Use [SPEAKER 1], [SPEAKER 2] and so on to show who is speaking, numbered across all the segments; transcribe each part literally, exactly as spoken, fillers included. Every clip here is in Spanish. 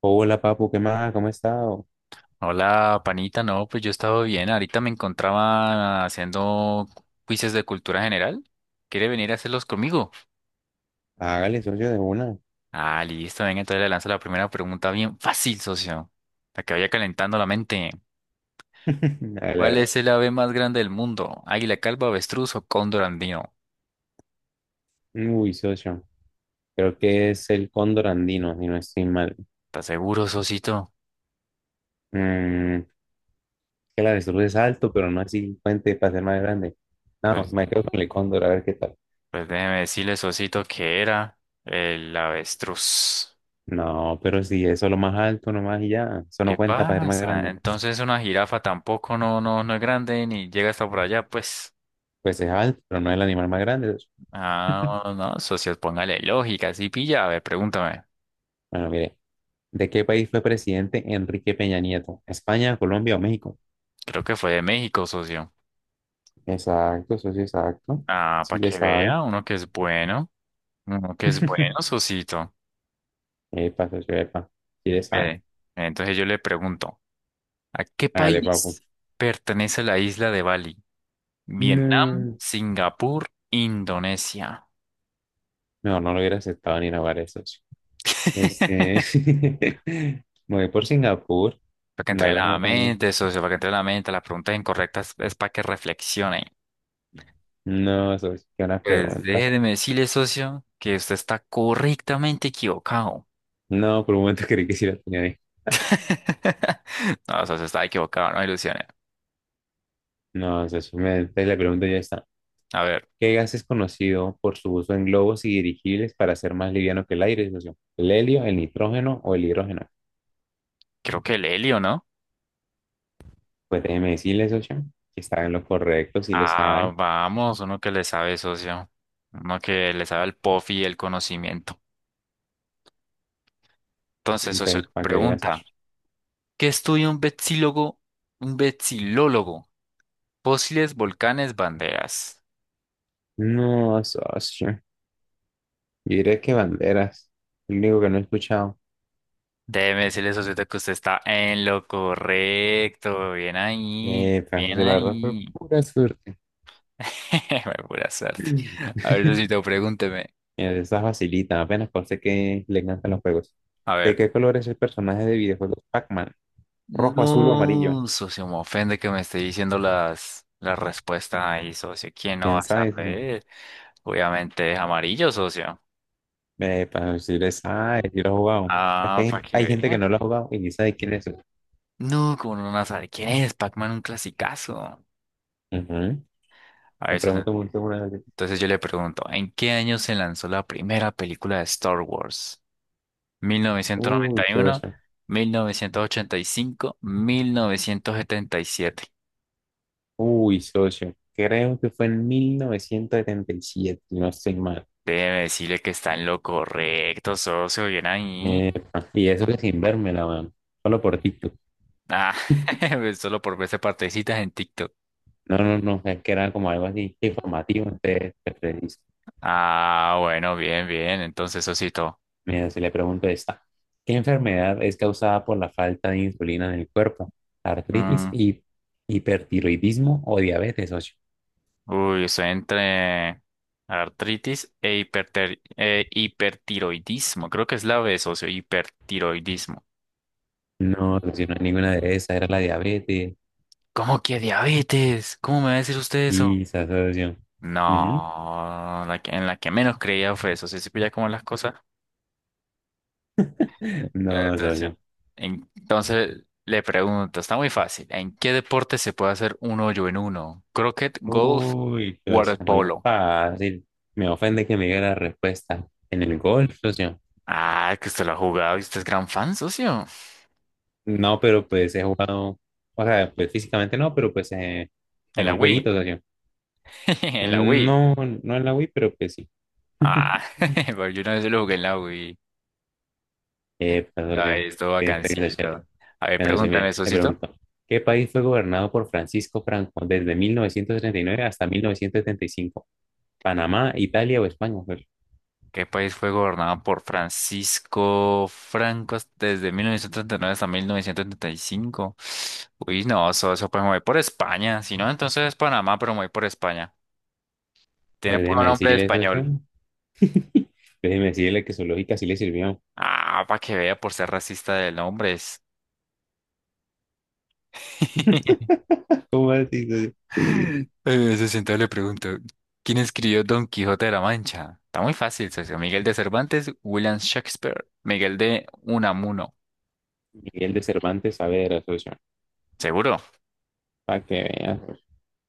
[SPEAKER 1] Hola, papu, ¿qué más? ¿Cómo ha estado?
[SPEAKER 2] Hola, panita. No, pues yo he estado bien. Ahorita me encontraba haciendo quizzes de cultura general. ¿Quiere venir a hacerlos conmigo?
[SPEAKER 1] Hágale, socio, de una.
[SPEAKER 2] Ah, listo. Venga, entonces le lanzo la primera pregunta bien fácil, socio. La que vaya calentando la mente.
[SPEAKER 1] A
[SPEAKER 2] ¿Cuál
[SPEAKER 1] la-
[SPEAKER 2] es el ave más grande del mundo? ¿Águila calva, avestruz o cóndor andino?
[SPEAKER 1] Uy, socio. Creo que es el cóndor andino, si no estoy mal.
[SPEAKER 2] ¿Estás seguro, socito?
[SPEAKER 1] Mm, que la avestruz es alto, pero no así puente para ser más grande. No,
[SPEAKER 2] Pues,
[SPEAKER 1] me quedo con el cóndor, a ver qué tal.
[SPEAKER 2] pues déjeme decirle, socito, que era el avestruz.
[SPEAKER 1] No, pero si eso es lo más alto nomás y ya, eso no
[SPEAKER 2] ¿Qué
[SPEAKER 1] cuenta para ser más
[SPEAKER 2] pasa?
[SPEAKER 1] grande.
[SPEAKER 2] Entonces una jirafa tampoco no, no, no es grande ni llega hasta por allá, pues.
[SPEAKER 1] Pues es alto, pero no es el animal más grande, socio.
[SPEAKER 2] Ah, no, no, socio, póngale lógica, sí pilla, a ver, pregúntame.
[SPEAKER 1] Bueno, mire, ¿de qué país fue presidente Enrique Peña Nieto? ¿España, Colombia o México?
[SPEAKER 2] Creo que fue de México, socio.
[SPEAKER 1] Exacto, socio, exacto.
[SPEAKER 2] Ah, para
[SPEAKER 1] Sí le
[SPEAKER 2] que
[SPEAKER 1] sabe.
[SPEAKER 2] vea, uno que es bueno, uno que es bueno, socito.
[SPEAKER 1] Epa, socio, epa. Si le sabe.
[SPEAKER 2] Ve, entonces yo le pregunto, ¿a qué
[SPEAKER 1] Hágale, papu.
[SPEAKER 2] país pertenece la isla de Bali? Vietnam,
[SPEAKER 1] No.
[SPEAKER 2] Singapur, Indonesia.
[SPEAKER 1] No, no lo hubiera aceptado ni la eso, socio. Este. Me voy por Singapur.
[SPEAKER 2] Para que entre
[SPEAKER 1] La
[SPEAKER 2] en
[SPEAKER 1] verdad que
[SPEAKER 2] la
[SPEAKER 1] no tenía.
[SPEAKER 2] mente, socio, para que entre en la mente, las preguntas incorrectas es para que reflexionen.
[SPEAKER 1] No, socio, qué buena
[SPEAKER 2] Pues
[SPEAKER 1] pregunta.
[SPEAKER 2] déjeme decirle, socio, que usted está correctamente equivocado.
[SPEAKER 1] No, por un momento creí que sí la tenía ahí.
[SPEAKER 2] No, o sea, se estaba equivocado, no ilusiones.
[SPEAKER 1] No, socio, me, entonces la pregunta ya está.
[SPEAKER 2] A ver,
[SPEAKER 1] ¿Qué gas es conocido por su uso en globos y dirigibles para ser más liviano que el aire, socio? ¿El helio, el nitrógeno o el hidrógeno?
[SPEAKER 2] creo que el helio, ¿no?
[SPEAKER 1] Pues déjeme decirle, socio, que está en lo correcto, si le
[SPEAKER 2] Ah,
[SPEAKER 1] sabe.
[SPEAKER 2] vamos, uno que le sabe, socio. Uno que le sabe al pofi y el conocimiento. Entonces, socio,
[SPEAKER 1] Pues,
[SPEAKER 2] le
[SPEAKER 1] para que vea,
[SPEAKER 2] pregunta,
[SPEAKER 1] socio.
[SPEAKER 2] ¿qué estudia un vexilólogo? Un vexilólogo. Fósiles, volcanes, banderas.
[SPEAKER 1] No, socio. Yo diría que banderas. Lo único que no he escuchado.
[SPEAKER 2] Déjeme decirle, socio, que usted está en lo correcto. Bien ahí,
[SPEAKER 1] Eh,
[SPEAKER 2] bien
[SPEAKER 1] Francisco, la verdad fue
[SPEAKER 2] ahí.
[SPEAKER 1] pura suerte.
[SPEAKER 2] Pura suerte.
[SPEAKER 1] Mira,
[SPEAKER 2] A ver, Lucito, pregúnteme.
[SPEAKER 1] esa facilita, apenas parece que le encantan los juegos.
[SPEAKER 2] A
[SPEAKER 1] ¿De
[SPEAKER 2] ver.
[SPEAKER 1] qué color es el personaje de videojuegos Pac-Man? ¿Rojo, azul o amarillo?
[SPEAKER 2] No, socio, me ofende que me esté diciendo las, las respuestas ahí, socio. ¿Quién no va
[SPEAKER 1] ¿Quién
[SPEAKER 2] a
[SPEAKER 1] sabe eso?
[SPEAKER 2] saber? Obviamente es amarillo, socio.
[SPEAKER 1] Eh, para decirle, ah, si lo he jugado. Es que
[SPEAKER 2] Ah, para
[SPEAKER 1] hay
[SPEAKER 2] que
[SPEAKER 1] hay gente que
[SPEAKER 2] vea.
[SPEAKER 1] no lo ha jugado y ni sabe quién es eso.
[SPEAKER 2] No, como no van a saber quién es, Pac-Man, un clasicazo.
[SPEAKER 1] Ujú.
[SPEAKER 2] A
[SPEAKER 1] Me
[SPEAKER 2] ver, socio.
[SPEAKER 1] pregunto mucho una vez.
[SPEAKER 2] Entonces yo le pregunto, ¿en qué año se lanzó la primera película de Star Wars?
[SPEAKER 1] Uy,
[SPEAKER 2] ¿mil novecientos noventa y uno,
[SPEAKER 1] socio.
[SPEAKER 2] mil novecientos ochenta y cinco, mil novecientos setenta y siete?
[SPEAKER 1] Uy, socio. Creo que fue en mil novecientos setenta y siete, si no estoy mal.
[SPEAKER 2] Debe decirle que está en lo correcto, socio. Bien ahí.
[SPEAKER 1] Epa, y eso que sin vérmela, weón. Solo por TikTok.
[SPEAKER 2] Ah, solo por verse partecitas en TikTok.
[SPEAKER 1] No, no, no, es que era como algo así informativo, entonces te preciso.
[SPEAKER 2] Ah, bueno, bien, bien. Entonces, Osito.
[SPEAKER 1] Mira, si le pregunto esta, ¿qué enfermedad es causada por la falta de insulina en el cuerpo? ¿Artritis,
[SPEAKER 2] Mm,
[SPEAKER 1] hi- hipertiroidismo o diabetes, socio?
[SPEAKER 2] uy, estoy entre artritis e hiperter- eh, hipertiroidismo. Creo que es la B, socio, hipertiroidismo.
[SPEAKER 1] No, socio, no hay ninguna de esas, era la diabetes.
[SPEAKER 2] ¿Cómo que diabetes? ¿Cómo me va a decir usted eso?
[SPEAKER 1] Y esa socio. Ujú.
[SPEAKER 2] No, la que- en la que menos creía fue eso. Se pilla como las cosas.
[SPEAKER 1] No, socio.
[SPEAKER 2] Natación. Entonces le pregunto, está muy fácil. ¿En qué deporte se puede hacer un hoyo en uno? Croquet, golf,
[SPEAKER 1] Uy, socio, muy
[SPEAKER 2] waterpolo.
[SPEAKER 1] fácil. Me ofende que me diga la respuesta. En el golf, socio.
[SPEAKER 2] Ah, que usted lo ha jugado y usted es gran fan, socio.
[SPEAKER 1] No, pero pues he jugado, o sea, pues físicamente no, pero pues eh,
[SPEAKER 2] En
[SPEAKER 1] en
[SPEAKER 2] la
[SPEAKER 1] un jueguito,
[SPEAKER 2] Wii.
[SPEAKER 1] o
[SPEAKER 2] En la Wii.
[SPEAKER 1] no, no en la Wii, pero pues sí.
[SPEAKER 2] Ah, porque yo una vez lo jugué en la Wii.
[SPEAKER 1] Eh, perdón, yo,
[SPEAKER 2] Ay, esto
[SPEAKER 1] pensé que se echara.
[SPEAKER 2] bacancito. A ver,
[SPEAKER 1] Bueno, sí,
[SPEAKER 2] pregúntame,
[SPEAKER 1] mira, me
[SPEAKER 2] socio.
[SPEAKER 1] pregunto, ¿qué país fue gobernado por Francisco Franco desde mil novecientos treinta y nueve hasta mil novecientos setenta y cinco? ¿Panamá, Italia o España? Pues,
[SPEAKER 2] ¿Qué país fue gobernado por Francisco Franco desde mil novecientos treinta y nueve hasta mil novecientos treinta y cinco? Uy, no, eso, eso pues me voy por España. Si no, entonces es Panamá, pero me voy por España. Tiene
[SPEAKER 1] pues
[SPEAKER 2] puro
[SPEAKER 1] déjeme
[SPEAKER 2] nombre de
[SPEAKER 1] decirle eso,
[SPEAKER 2] español.
[SPEAKER 1] socio. Déjeme decirle que su lógica sí le sirvió.
[SPEAKER 2] Ah, para que vea por ser racista de nombres.
[SPEAKER 1] ¿Cómo así, socio?
[SPEAKER 2] Eh, Se sentó le pregunto, ¿quién escribió Don Quijote de la Mancha? Está muy fácil, socio. Miguel de Cervantes, William Shakespeare, Miguel de Unamuno.
[SPEAKER 1] Miguel de Cervantes Saavedra, socio.
[SPEAKER 2] ¿Seguro?
[SPEAKER 1] Para que vean.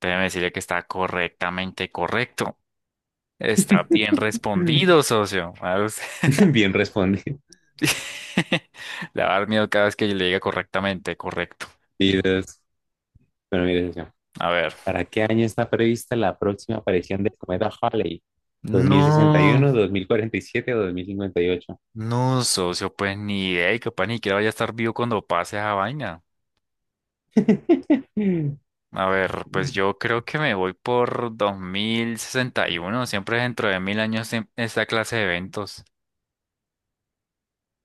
[SPEAKER 2] Déjeme decirle que está correctamente correcto. Está bien respondido, socio. A usted.
[SPEAKER 1] Bien respondido.
[SPEAKER 2] Le va a dar miedo cada vez que yo le diga correctamente, correcto.
[SPEAKER 1] Bueno, mire, socio,
[SPEAKER 2] A ver.
[SPEAKER 1] ¿para qué año está prevista la próxima aparición del cometa Halley?
[SPEAKER 2] No,
[SPEAKER 1] ¿dos mil sesenta y uno, dos mil cuarenta y siete o dos mil cincuenta y ocho?
[SPEAKER 2] no, socio, pues ni idea y capaz ni siquiera vaya a estar vivo cuando pase esa vaina. A ver, pues yo creo que me voy por dos mil sesenta y uno. Siempre dentro de mil años en- esta clase de eventos.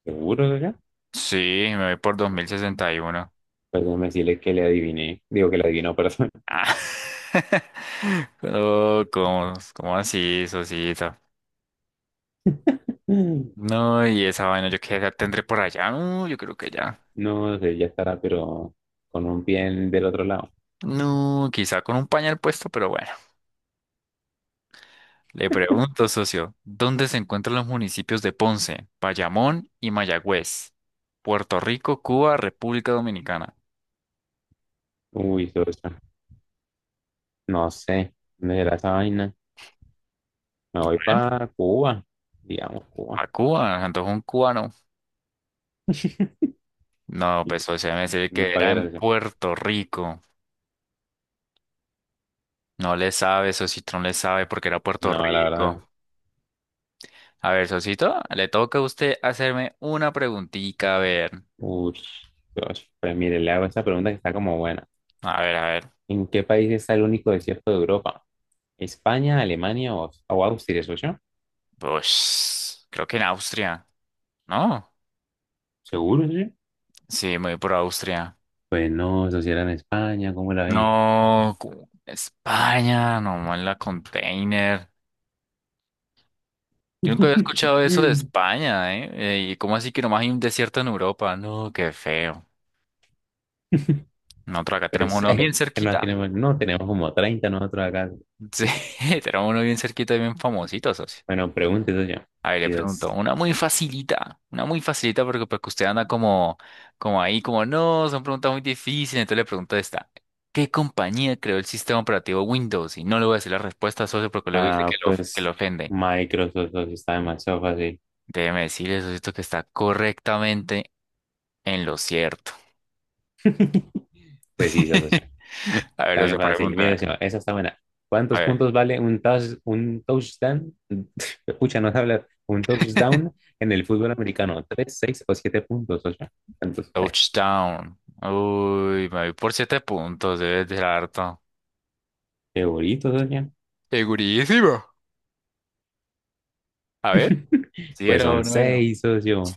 [SPEAKER 1] ¿Seguro, socio?
[SPEAKER 2] Sí, me voy por dos mil sesenta y uno.
[SPEAKER 1] Pues déjame decirle que le adiviné. Digo que le adivinó, perdón.
[SPEAKER 2] Ah. No, ¿cómo, cómo así, socito? No, y esa vaina, ¿yo qué edad tendré por allá? No, yo creo que ya.
[SPEAKER 1] No sé, ya estará, pero con un pie en- del otro lado.
[SPEAKER 2] No, quizá con un pañal puesto, pero bueno. Le pregunto, socio, ¿dónde se encuentran los municipios de Ponce, Bayamón y Mayagüez? Puerto Rico, Cuba, República Dominicana.
[SPEAKER 1] Uy, socio, no sé. ¿Dónde será esa vaina? Me voy
[SPEAKER 2] ¿Bien?
[SPEAKER 1] para Cuba. Digamos, Cuba.
[SPEAKER 2] A Cuba, entonces un cubano. No, pues socio, me decir que
[SPEAKER 1] ¿Cuál
[SPEAKER 2] era
[SPEAKER 1] era,
[SPEAKER 2] en
[SPEAKER 1] socio?
[SPEAKER 2] Puerto Rico. No le sabe, socito, no le sabe porque era Puerto
[SPEAKER 1] No, la
[SPEAKER 2] Rico.
[SPEAKER 1] verdad.
[SPEAKER 2] A ver, socito, le toca a usted hacerme una preguntita, a ver.
[SPEAKER 1] Uy, Dios, pues mire, le hago esta pregunta que está como buena.
[SPEAKER 2] A ver, a ver.
[SPEAKER 1] ¿En qué país está el único desierto de Europa? ¿España, Alemania o, o Austria, socio?
[SPEAKER 2] Pues creo que en Austria, ¿no?
[SPEAKER 1] ¿Seguro, socio?
[SPEAKER 2] Sí, me voy por Austria.
[SPEAKER 1] Pues no, eso sí era en España, ¿cómo la ve?
[SPEAKER 2] No, cu- España, nomás la container. Yo nunca había escuchado eso de España, ¿eh? Eh, ¿Y cómo así que nomás hay un desierto en Europa? No, qué feo. Nosotros acá tenemos
[SPEAKER 1] Pues,
[SPEAKER 2] uno bien
[SPEAKER 1] eh, no
[SPEAKER 2] cerquita.
[SPEAKER 1] tenemos, no tenemos como treinta nosotros acá.
[SPEAKER 2] Sí, tenemos uno bien cerquita y bien famosito, socio.
[SPEAKER 1] Bueno, pregunte, socio.
[SPEAKER 2] A ver, le pregunto,
[SPEAKER 1] Dios.
[SPEAKER 2] una muy facilita, una muy facilita porque pues que usted anda como, como ahí, como no, son preguntas muy difíciles, entonces le pregunto esta, ¿qué compañía creó el sistema operativo Windows? Y no le voy a decir la respuesta, socio, porque luego dice que
[SPEAKER 1] Ah,
[SPEAKER 2] lo, que lo
[SPEAKER 1] pues
[SPEAKER 2] ofende.
[SPEAKER 1] Microsoft socio, está demasiado fácil.
[SPEAKER 2] Déjeme decirle, socio, que está correctamente en lo cierto.
[SPEAKER 1] Pues sí, socio.
[SPEAKER 2] A ver,
[SPEAKER 1] Está bien
[SPEAKER 2] socio,
[SPEAKER 1] fácil. Mira,
[SPEAKER 2] pregúntame.
[SPEAKER 1] encima, esa está buena.
[SPEAKER 2] A
[SPEAKER 1] ¿Cuántos
[SPEAKER 2] ver.
[SPEAKER 1] puntos vale un, touch- un touchdown? Escucha, no sé hablar. Un touchdown en el fútbol americano. ¿Tres, seis o siete puntos, socio? ¿Cuántos cree?
[SPEAKER 2] Touchdown. Uy, me voy por siete puntos, debe ser harto.
[SPEAKER 1] Qué bonito, socio.
[SPEAKER 2] Segurísimo. A ver, si
[SPEAKER 1] Pues
[SPEAKER 2] era o
[SPEAKER 1] son
[SPEAKER 2] no era.
[SPEAKER 1] seis, socio.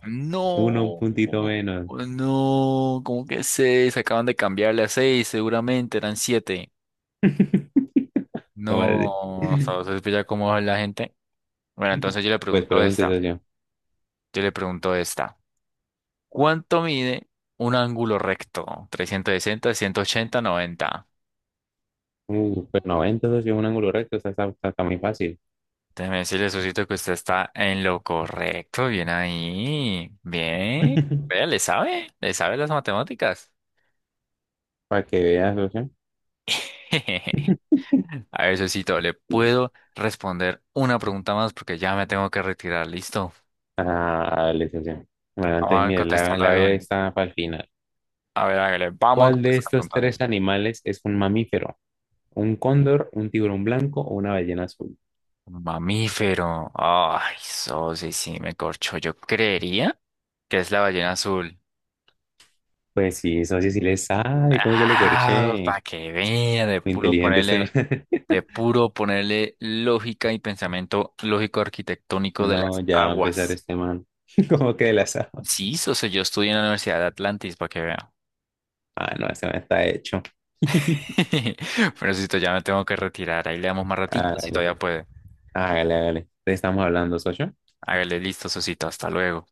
[SPEAKER 1] Uno, un
[SPEAKER 2] No,
[SPEAKER 1] puntito menos.
[SPEAKER 2] no, ¿cómo que seis? Acaban de cambiarle a seis, seguramente eran siete.
[SPEAKER 1] ¿Cómo así?
[SPEAKER 2] No, ¿sabes ya cómo va la gente? Bueno, entonces yo le
[SPEAKER 1] Pues
[SPEAKER 2] pregunto
[SPEAKER 1] pregunte,
[SPEAKER 2] esta.
[SPEAKER 1] socio.
[SPEAKER 2] Yo le pregunto esta. ¿Cuánto mide un ángulo recto? trescientos sesenta, ciento ochenta, noventa.
[SPEAKER 1] Uh, pues noventa, socio, un ángulo recto. Está, está, está- está muy fácil.
[SPEAKER 2] Déjeme decirle, Sosito, que usted está en lo correcto. Bien ahí. Bien. Vea, le sabe. Le sabe las matemáticas.
[SPEAKER 1] Para que veas, socio.
[SPEAKER 2] A ver, Sosito, ¿le puedo responder una pregunta más? Porque ya me tengo que retirar, ¿listo?
[SPEAKER 1] Ah, listo, sí. Bueno, entonces,
[SPEAKER 2] Vamos a
[SPEAKER 1] mire, la,
[SPEAKER 2] contestarla
[SPEAKER 1] la hago
[SPEAKER 2] bien.
[SPEAKER 1] esta para el final.
[SPEAKER 2] A ver, hágale, vamos a
[SPEAKER 1] ¿Cuál de
[SPEAKER 2] contestar la
[SPEAKER 1] estos
[SPEAKER 2] pregunta bien.
[SPEAKER 1] tres animales es un mamífero? ¿Un cóndor, un tiburón blanco o una ballena azul?
[SPEAKER 2] Mamífero. Ay, Sosi, sí, me corchó. Yo creería que es la ballena azul.
[SPEAKER 1] Pues sí, eso sí, sí le sabe, ¿cómo que lo
[SPEAKER 2] Ah,
[SPEAKER 1] corché?
[SPEAKER 2] para que vea, de
[SPEAKER 1] Muy
[SPEAKER 2] puro
[SPEAKER 1] inteligente este man.
[SPEAKER 2] ponerle, de puro ponerle lógica y pensamiento lógico arquitectónico de
[SPEAKER 1] No,
[SPEAKER 2] las
[SPEAKER 1] ya va a empezar
[SPEAKER 2] aguas.
[SPEAKER 1] este man. ¿Cómo que la sabe?
[SPEAKER 2] Sí, Sosi, yo estudié en la Universidad de Atlantis, para que vea.
[SPEAKER 1] Ah, no, este man está hecho.
[SPEAKER 2] Pero Sosito, ya me tengo que retirar. Ahí le damos más ratito si
[SPEAKER 1] Hágale,
[SPEAKER 2] todavía
[SPEAKER 1] pues.
[SPEAKER 2] puede.
[SPEAKER 1] hágale, hágale. Entonces, estamos hablando, socio.
[SPEAKER 2] Hágale listo, Sosito. Hasta luego.